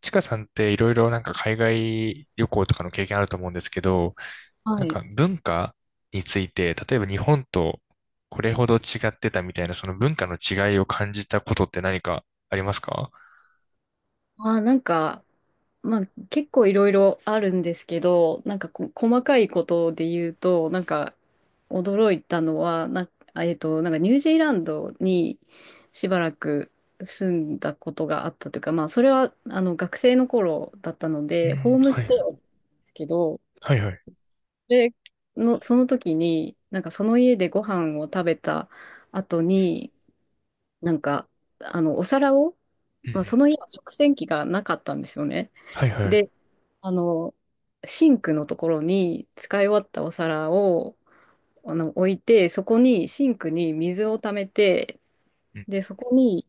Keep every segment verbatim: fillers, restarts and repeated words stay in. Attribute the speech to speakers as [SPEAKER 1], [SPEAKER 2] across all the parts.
[SPEAKER 1] ちかさんっていろいろなんか海外旅行とかの経験あると思うんですけど、
[SPEAKER 2] は
[SPEAKER 1] なん
[SPEAKER 2] い。
[SPEAKER 1] か文化について、例えば日本とこれほど違ってたみたいな、その文化の違いを感じたことって何かありますか？
[SPEAKER 2] あー、なんか、まあ結構いろいろあるんですけど、なんかこ細かいことで言うと、なんか驚いたのは、な、あえっと、なんかニュージーランドにしばらく住んだことがあったというか、まあそれはあの学生の頃だったの
[SPEAKER 1] う
[SPEAKER 2] で、ホ
[SPEAKER 1] ん、
[SPEAKER 2] ーム
[SPEAKER 1] は
[SPEAKER 2] ステイ
[SPEAKER 1] い、
[SPEAKER 2] をですけど、
[SPEAKER 1] はいはい。
[SPEAKER 2] で、の、その時に、なんかその家でご飯を食べた後に、なんか、あの、お皿を、
[SPEAKER 1] うんう
[SPEAKER 2] まあ、
[SPEAKER 1] ん。
[SPEAKER 2] その家は食洗機がなかったんですよね。
[SPEAKER 1] はいはい。
[SPEAKER 2] で、あの、シンクのところに使い終わったお皿を、あの、置いて、そこに、シンクに水を溜めて、
[SPEAKER 1] うん、
[SPEAKER 2] で、そこに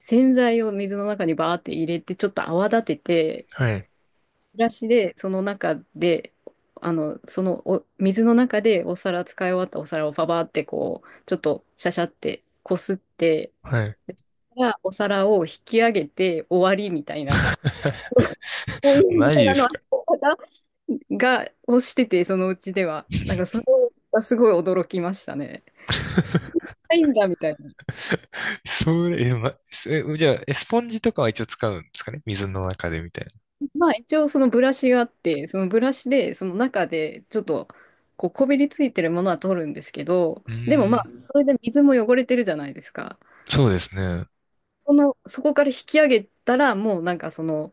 [SPEAKER 2] 洗剤を水の中にバーって入れて、ちょっと泡立てて、
[SPEAKER 1] はい、
[SPEAKER 2] ブラシで、その中で、あの、そのお、水の中でお皿、使い終わったお皿をパパーってこう、ちょっとシャシャってこすって、
[SPEAKER 1] はい。
[SPEAKER 2] がお皿を引き上げて終わりみたいな、こうい うお
[SPEAKER 1] マジで
[SPEAKER 2] 皿
[SPEAKER 1] す
[SPEAKER 2] の
[SPEAKER 1] か？
[SPEAKER 2] 運び方が、をしてて、そのうちでは。なんかそれがすごい驚きましたね。そんな ないんだみたいな。
[SPEAKER 1] それ、え、ま、え、じゃあ、えスポンジとかは一応使うんですかね水の中でみたいな。
[SPEAKER 2] まあ一応そのブラシがあって、そのブラシでその中でちょっとこうこびりついてるものは取るんですけど、
[SPEAKER 1] う
[SPEAKER 2] でもまあ
[SPEAKER 1] ーん、
[SPEAKER 2] それで水も汚れてるじゃないですか。
[SPEAKER 1] そうですね。
[SPEAKER 2] その、そこから引き上げたらもうなんかその、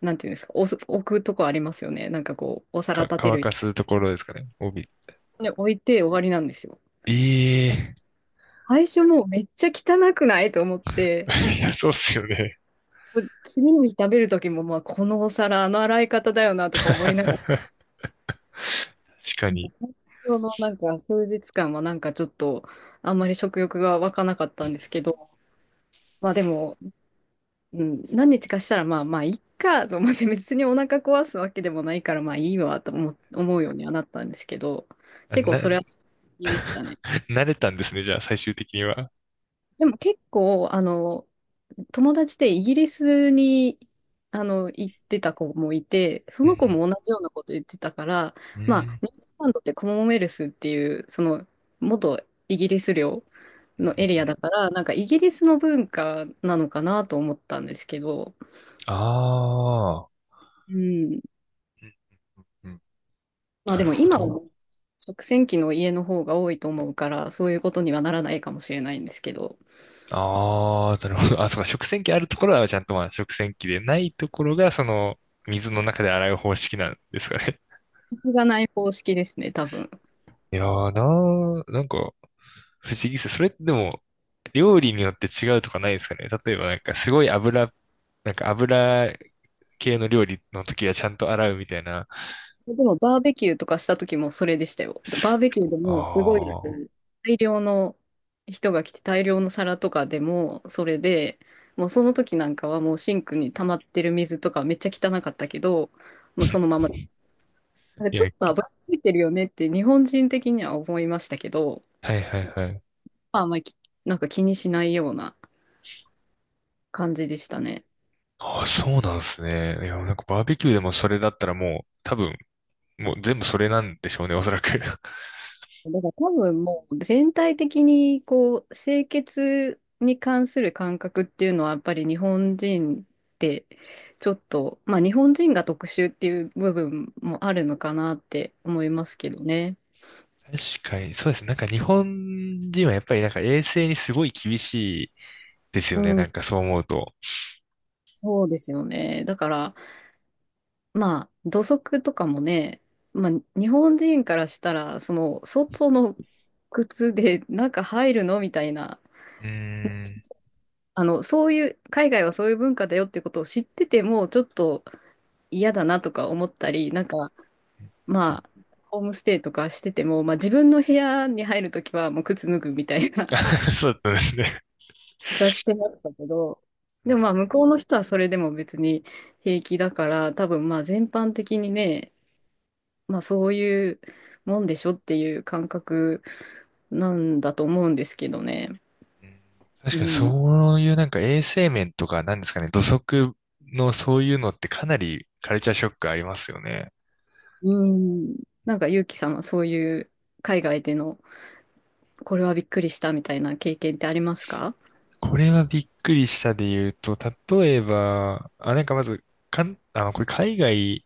[SPEAKER 2] なんていうんですか、おす置くとこありますよね。なんかこう、お皿
[SPEAKER 1] か、
[SPEAKER 2] 立て
[SPEAKER 1] 乾
[SPEAKER 2] る
[SPEAKER 1] かすところですかね。帯。
[SPEAKER 2] に置いて終わりなんですよ。
[SPEAKER 1] ええ
[SPEAKER 2] 最初もうめっちゃ汚くないと思って、
[SPEAKER 1] ー。 いや、そうっすよね。
[SPEAKER 2] 次の日食べる時もまあこのお皿、あの洗い方だよなとか思いながら、
[SPEAKER 1] 確かに。
[SPEAKER 2] そのなんか数日間はなんかちょっとあんまり食欲が湧かなかったんですけど、まあでも、うん、何日かしたらまあまあいっかと思って別にお腹壊すわけでもないからまあいいわと思、思うようにはなったんですけど、
[SPEAKER 1] あ
[SPEAKER 2] 結構
[SPEAKER 1] な、
[SPEAKER 2] それは好きでしたね。
[SPEAKER 1] 慣れたんですね、じゃあ、最終的には。
[SPEAKER 2] でも結構あの友達でイギリスにあの行ってた子もいて、そ
[SPEAKER 1] う
[SPEAKER 2] の子
[SPEAKER 1] ん
[SPEAKER 2] も同じようなこと言ってたから、
[SPEAKER 1] うん。う
[SPEAKER 2] まあ、
[SPEAKER 1] ん。
[SPEAKER 2] ニュージーランドってコモンウェルスっていう、その元イギリス領
[SPEAKER 1] うん
[SPEAKER 2] のエリ
[SPEAKER 1] う
[SPEAKER 2] ア
[SPEAKER 1] ん。
[SPEAKER 2] だから、なんかイギリスの文化なのかなと思ったんですけど、
[SPEAKER 1] ああ
[SPEAKER 2] うん。
[SPEAKER 1] ー。うんうん。
[SPEAKER 2] まあ
[SPEAKER 1] な
[SPEAKER 2] で
[SPEAKER 1] る
[SPEAKER 2] も
[SPEAKER 1] ほ
[SPEAKER 2] 今は
[SPEAKER 1] ど。
[SPEAKER 2] ね食洗機の家の方が多いと思うから、そういうことにはならないかもしれないんですけど、
[SPEAKER 1] ああ、なるほど。あ、そうか、食洗機あるところはちゃんとまあ食洗機でないところが、その、水の中で洗う方式なんですかね。
[SPEAKER 2] そこがない方式ですね、多分。
[SPEAKER 1] いやーなー、なんか、不思議です。それってでも、料理によって違うとかないですかね。例えば、なんか、すごい油、なんか油系の料理の時はちゃんと洗うみたいな。
[SPEAKER 2] でもバーベキューとかした時もそれでしたよ。バーベキューで
[SPEAKER 1] あ
[SPEAKER 2] もすごい
[SPEAKER 1] あ。
[SPEAKER 2] 大量の人が来て大量の皿とかでもそれで、もうその時なんかはもうシンクに溜まってる水とかめっちゃ汚かったけど、もうその まま、なんか
[SPEAKER 1] い
[SPEAKER 2] ちょ
[SPEAKER 1] や、
[SPEAKER 2] っと油ついてるよねって日本人的には思いましたけど、
[SPEAKER 1] はいはいはい。
[SPEAKER 2] まああんまりきなんか気にしないような感じでしたね。
[SPEAKER 1] ああ、そうなんですね。いや、なんかバーベキューでもそれだったらもう、多分、もう全部それなんでしょうね、おそらく。確
[SPEAKER 2] だから多分もう全体的にこう清潔に関する感覚っていうのはやっぱり日本人ってちょっとまあ日本人が特殊っていう部分もあるのかなって思いますけどね。
[SPEAKER 1] かに、そうですね。なんか日本人はやっぱりなんか衛生にすごい厳しいです
[SPEAKER 2] う
[SPEAKER 1] よね。な
[SPEAKER 2] ん、
[SPEAKER 1] んかそう思うと。
[SPEAKER 2] そうですよね。だからまあ土足とかもね、まあ日本人からしたらその外の靴で中入るのみたいな、
[SPEAKER 1] うーん。
[SPEAKER 2] あのそういう海外はそういう文化だよってことを知っててもちょっと嫌だなとか思ったり、なんか、まあ、ホームステイとかしてても、まあ自分の部屋に入るときはもう靴脱ぐみたいな
[SPEAKER 1] そうだったんですね。
[SPEAKER 2] ことはしてましたけど、
[SPEAKER 1] うんう
[SPEAKER 2] で
[SPEAKER 1] ん。うん
[SPEAKER 2] もまあ向こうの人はそれでも別に平気だから、多分まあ全般的にね、まあそういうもんでしょっていう感覚なんだと思うんですけどね。
[SPEAKER 1] うん。確
[SPEAKER 2] う
[SPEAKER 1] かに
[SPEAKER 2] ん。
[SPEAKER 1] そういうなんか衛生面とかなんですかね、土足のそういうのってかなりカルチャーショックありますよね。
[SPEAKER 2] うん。なんかゆうきさんはそういう海外でのこれはびっくりしたみたいな経験ってありますか？
[SPEAKER 1] これはびっくりしたで言うと、例えば、あ、なんかまず、かん、あの、これ海外、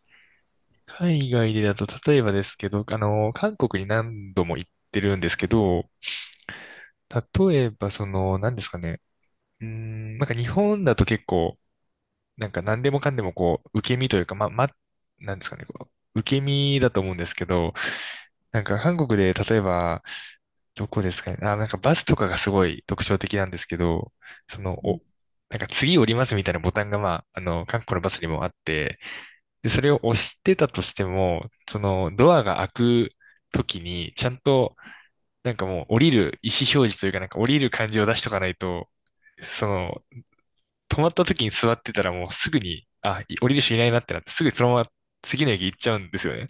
[SPEAKER 1] 海外でだと例えばですけど、あの、韓国に何度も行ってるんですけど、例えばその、何ですかね、うーん、なんか日本だと結構、なんか何でもかんでもこう、受け身というか、ま、ま、なんですかね、こう、受け身だと思うんですけど、なんか韓国で例えば、どこですかね、あ、なんかバスとかがすごい特徴的なんですけど、その、お、なんか次降りますみたいなボタンがまあ、あの、韓国のバスにもあって、で、それを押してたとしても、そのドアが開く時に、ちゃんと、なんかもう降りる意思表示というか、なんか降りる感じを出しとかないと、その止まった時に座ってたらもうすぐに、あ、い降りる人いないなってなって、すぐそのまま次の駅行っちゃうんですよね。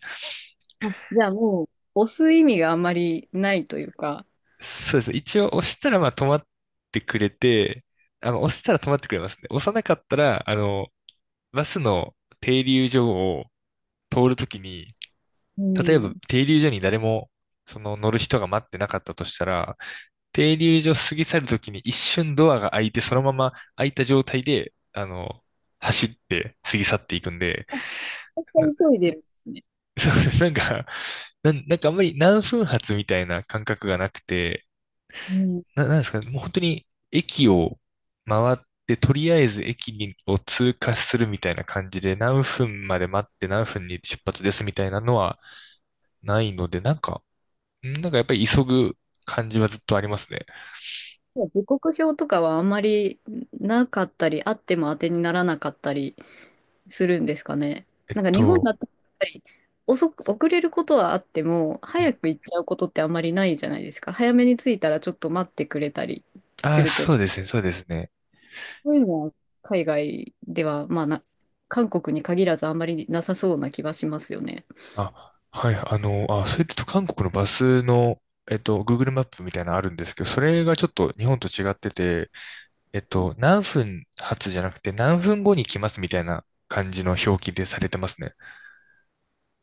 [SPEAKER 2] あ、じゃあもう、押す意味があんまりないというか、
[SPEAKER 1] そうです。一応押したらまあ止まってくれて、あの、押したら止まってくれますね。押さなかったら、あの、バスの停留所を通るときに、
[SPEAKER 2] う
[SPEAKER 1] 例え
[SPEAKER 2] ん。
[SPEAKER 1] ば
[SPEAKER 2] 絶
[SPEAKER 1] 停留所に誰も、その乗る人が待ってなかったとしたら、停留所過ぎ去るときに一瞬ドアが開いて、そのまま開いた状態で、あの、走って過ぎ去っていくんで、
[SPEAKER 2] 対
[SPEAKER 1] な
[SPEAKER 2] 急いでるんですね。
[SPEAKER 1] そうです。なんか、なん、なんかあんまり何分発みたいな感覚がなくて、
[SPEAKER 2] うん。
[SPEAKER 1] な、なんですかね、もう本当に駅を回って、とりあえず駅にを通過するみたいな感じで、何分まで待って何分に出発ですみたいなのはないので、なんか、んなんかやっぱり急ぐ感じはずっとありますね。
[SPEAKER 2] 時刻表とかはあんまりなかったり、あっても当てにならなかったりするんですかね。
[SPEAKER 1] えっ
[SPEAKER 2] なんか日本だ
[SPEAKER 1] と、
[SPEAKER 2] ったらやっぱり遅く、遅れることはあっても、
[SPEAKER 1] う
[SPEAKER 2] 早
[SPEAKER 1] ん。
[SPEAKER 2] く行っちゃうことってあんまりないじゃないですか。早めに着いたらちょっと待ってくれたりす
[SPEAKER 1] あ、
[SPEAKER 2] るけ
[SPEAKER 1] そ
[SPEAKER 2] ど、
[SPEAKER 1] うですね、そうですね。
[SPEAKER 2] そういうのは海外では、まあな、韓国に限らずあんまりなさそうな気はしますよね。
[SPEAKER 1] あ、はい、あの、あ、それと韓国のバスの、えっと、Google マップみたいなのあるんですけど、それがちょっと日本と違ってて、えっと、何分発じゃなくて何分後に来ますみたいな感じの表記でされてますね。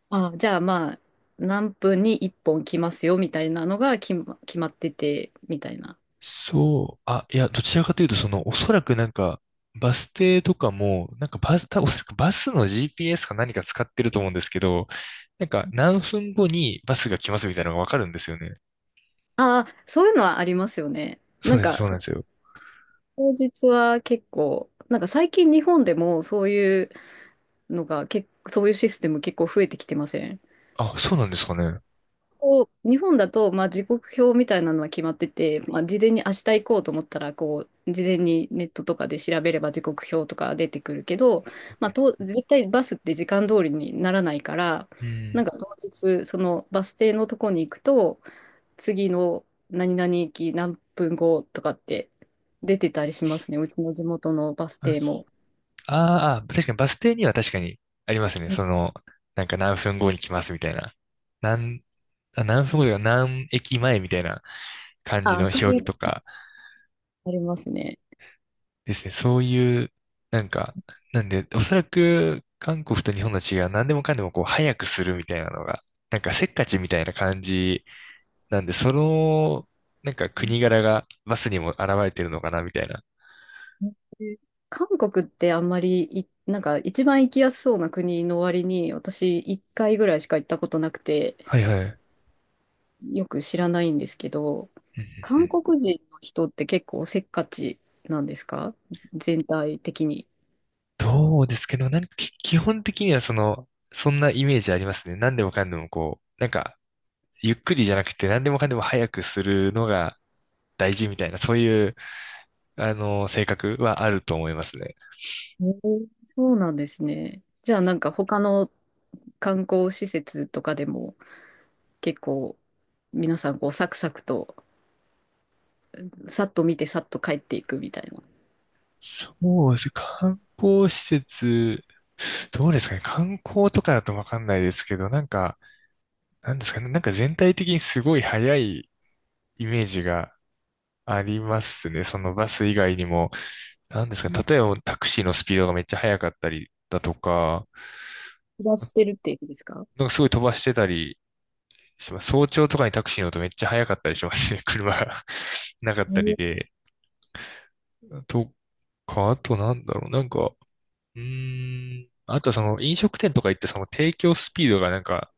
[SPEAKER 2] あ、じゃあまあ、何分にいっぽん来ますよみたいなのが決ま、決まってて、みたいな。
[SPEAKER 1] そう、あ、いや、どちらかというと、その、おそらくなんか、バス停とかも、なんかバス、たおそらくバスの ジーピーエス か何か使ってると思うんですけど、なんか何分後にバスが来ますみたいなのがわかるんですよね。
[SPEAKER 2] ああ、そういうのはありますよね。
[SPEAKER 1] そ
[SPEAKER 2] な
[SPEAKER 1] う
[SPEAKER 2] ん
[SPEAKER 1] です、
[SPEAKER 2] か、
[SPEAKER 1] そうな
[SPEAKER 2] そ
[SPEAKER 1] んですよ。
[SPEAKER 2] 当日は結構、なんか最近日本でもそういうのが結構、そういうシステム結構増えてきてません
[SPEAKER 1] あ、そうなんですかね。
[SPEAKER 2] こう、日本だと、まあ、時刻表みたいなのは決まってて、まあ、事前に明日行こうと思ったら、こう、事前にネットとかで調べれば時刻表とか出てくるけど、まあ、と、絶対バスって時間通りにならないから、
[SPEAKER 1] うん。
[SPEAKER 2] なんか当日、そのバス停のとこに行くと、次の何々駅何分後とかって出てたりしますね。うちの地元のバス
[SPEAKER 1] あ
[SPEAKER 2] 停も。
[SPEAKER 1] あーあー、確かにバス停には確かにありますね。その、なんか何分後に来ますみたいな。何、あ、何分後というか何駅前みたいな感じ
[SPEAKER 2] あ
[SPEAKER 1] の
[SPEAKER 2] あ、そう
[SPEAKER 1] 表
[SPEAKER 2] いう
[SPEAKER 1] 記と
[SPEAKER 2] の
[SPEAKER 1] か
[SPEAKER 2] ありますね。
[SPEAKER 1] ですね。そういう、なんか、なんで、おそらく韓国と日本の違いは何でもかんでもこう早くするみたいなのが、なんかせっかちみたいな感じなんで、その、なんか国柄がバスにも現れてるのかなみたいな。
[SPEAKER 2] で韓国ってあんまりい、なんか一番行きやすそうな国の割に、私いっかいぐらいしか行ったことなくて、
[SPEAKER 1] はいはい。
[SPEAKER 2] よく知らないんですけど、
[SPEAKER 1] うんうんう
[SPEAKER 2] 韓
[SPEAKER 1] ん。
[SPEAKER 2] 国人の人って結構せっかちなんですか全体的に？
[SPEAKER 1] どうですけど、なんかき基本的にはその、そんなイメージありますね。何でもかんでもこう、なんか、ゆっくりじゃなくて何でもかんでも早くするのが大事みたいな、そういう、あの、性格はあると思いますね。
[SPEAKER 2] えー、そうなんですね。じゃあなんか他の観光施設とかでも結構皆さんこうサクサクと、さっと見てさっと帰っていくみたいな。
[SPEAKER 1] そうですね。観光施設、どうですかね。観光とかだとわかんないですけど、なんか、なんですかね。なんか全体的にすごい早いイメージがありますね。そのバス以外にも。なんですかね。例えばタクシーのスピードがめっちゃ速かったりだとか、
[SPEAKER 2] 暮ら
[SPEAKER 1] あ
[SPEAKER 2] してるっていうことですか？
[SPEAKER 1] なんかすごい飛ばしてたりします。早朝とかにタクシー乗るとめっちゃ早かったりしますね。車が なかっ
[SPEAKER 2] え
[SPEAKER 1] た
[SPEAKER 2] ー、
[SPEAKER 1] りで。とか、あとなんだろう。なんか、うーん。あとその飲食店とか行ってその提供スピードがなんか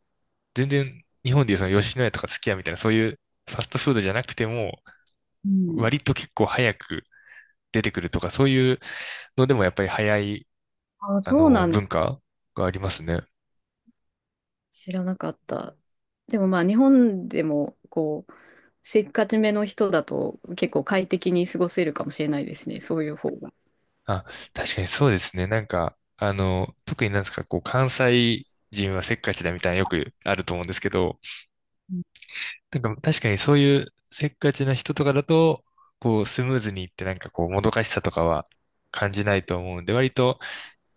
[SPEAKER 1] 全然日本でいうその吉野家とかすき家みたいなそういうファストフードじゃなくても
[SPEAKER 2] うん。
[SPEAKER 1] 割と結構早く出てくるとかそういうのでもやっぱり早い
[SPEAKER 2] あ、
[SPEAKER 1] あ
[SPEAKER 2] そうな
[SPEAKER 1] の
[SPEAKER 2] んで
[SPEAKER 1] 文
[SPEAKER 2] す、
[SPEAKER 1] 化がありますね。
[SPEAKER 2] 知らなかった。でもまあ日本でもこうせっかちめの人だと結構快適に過ごせるかもしれないですね。そういう方が。
[SPEAKER 1] あ、確かにそうですね。なんか、あの、特になんですか、こう、関西人はせっかちだみたいなよくあると思うんですけど、なんか確かにそういうせっかちな人とかだと、こう、スムーズにいってなんかこう、もどかしさとかは感じないと思うんで、割と、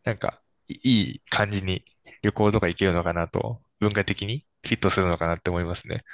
[SPEAKER 1] なんか、いいい感じに旅行とか行けるのかなと、文化的にフィットするのかなって思いますね。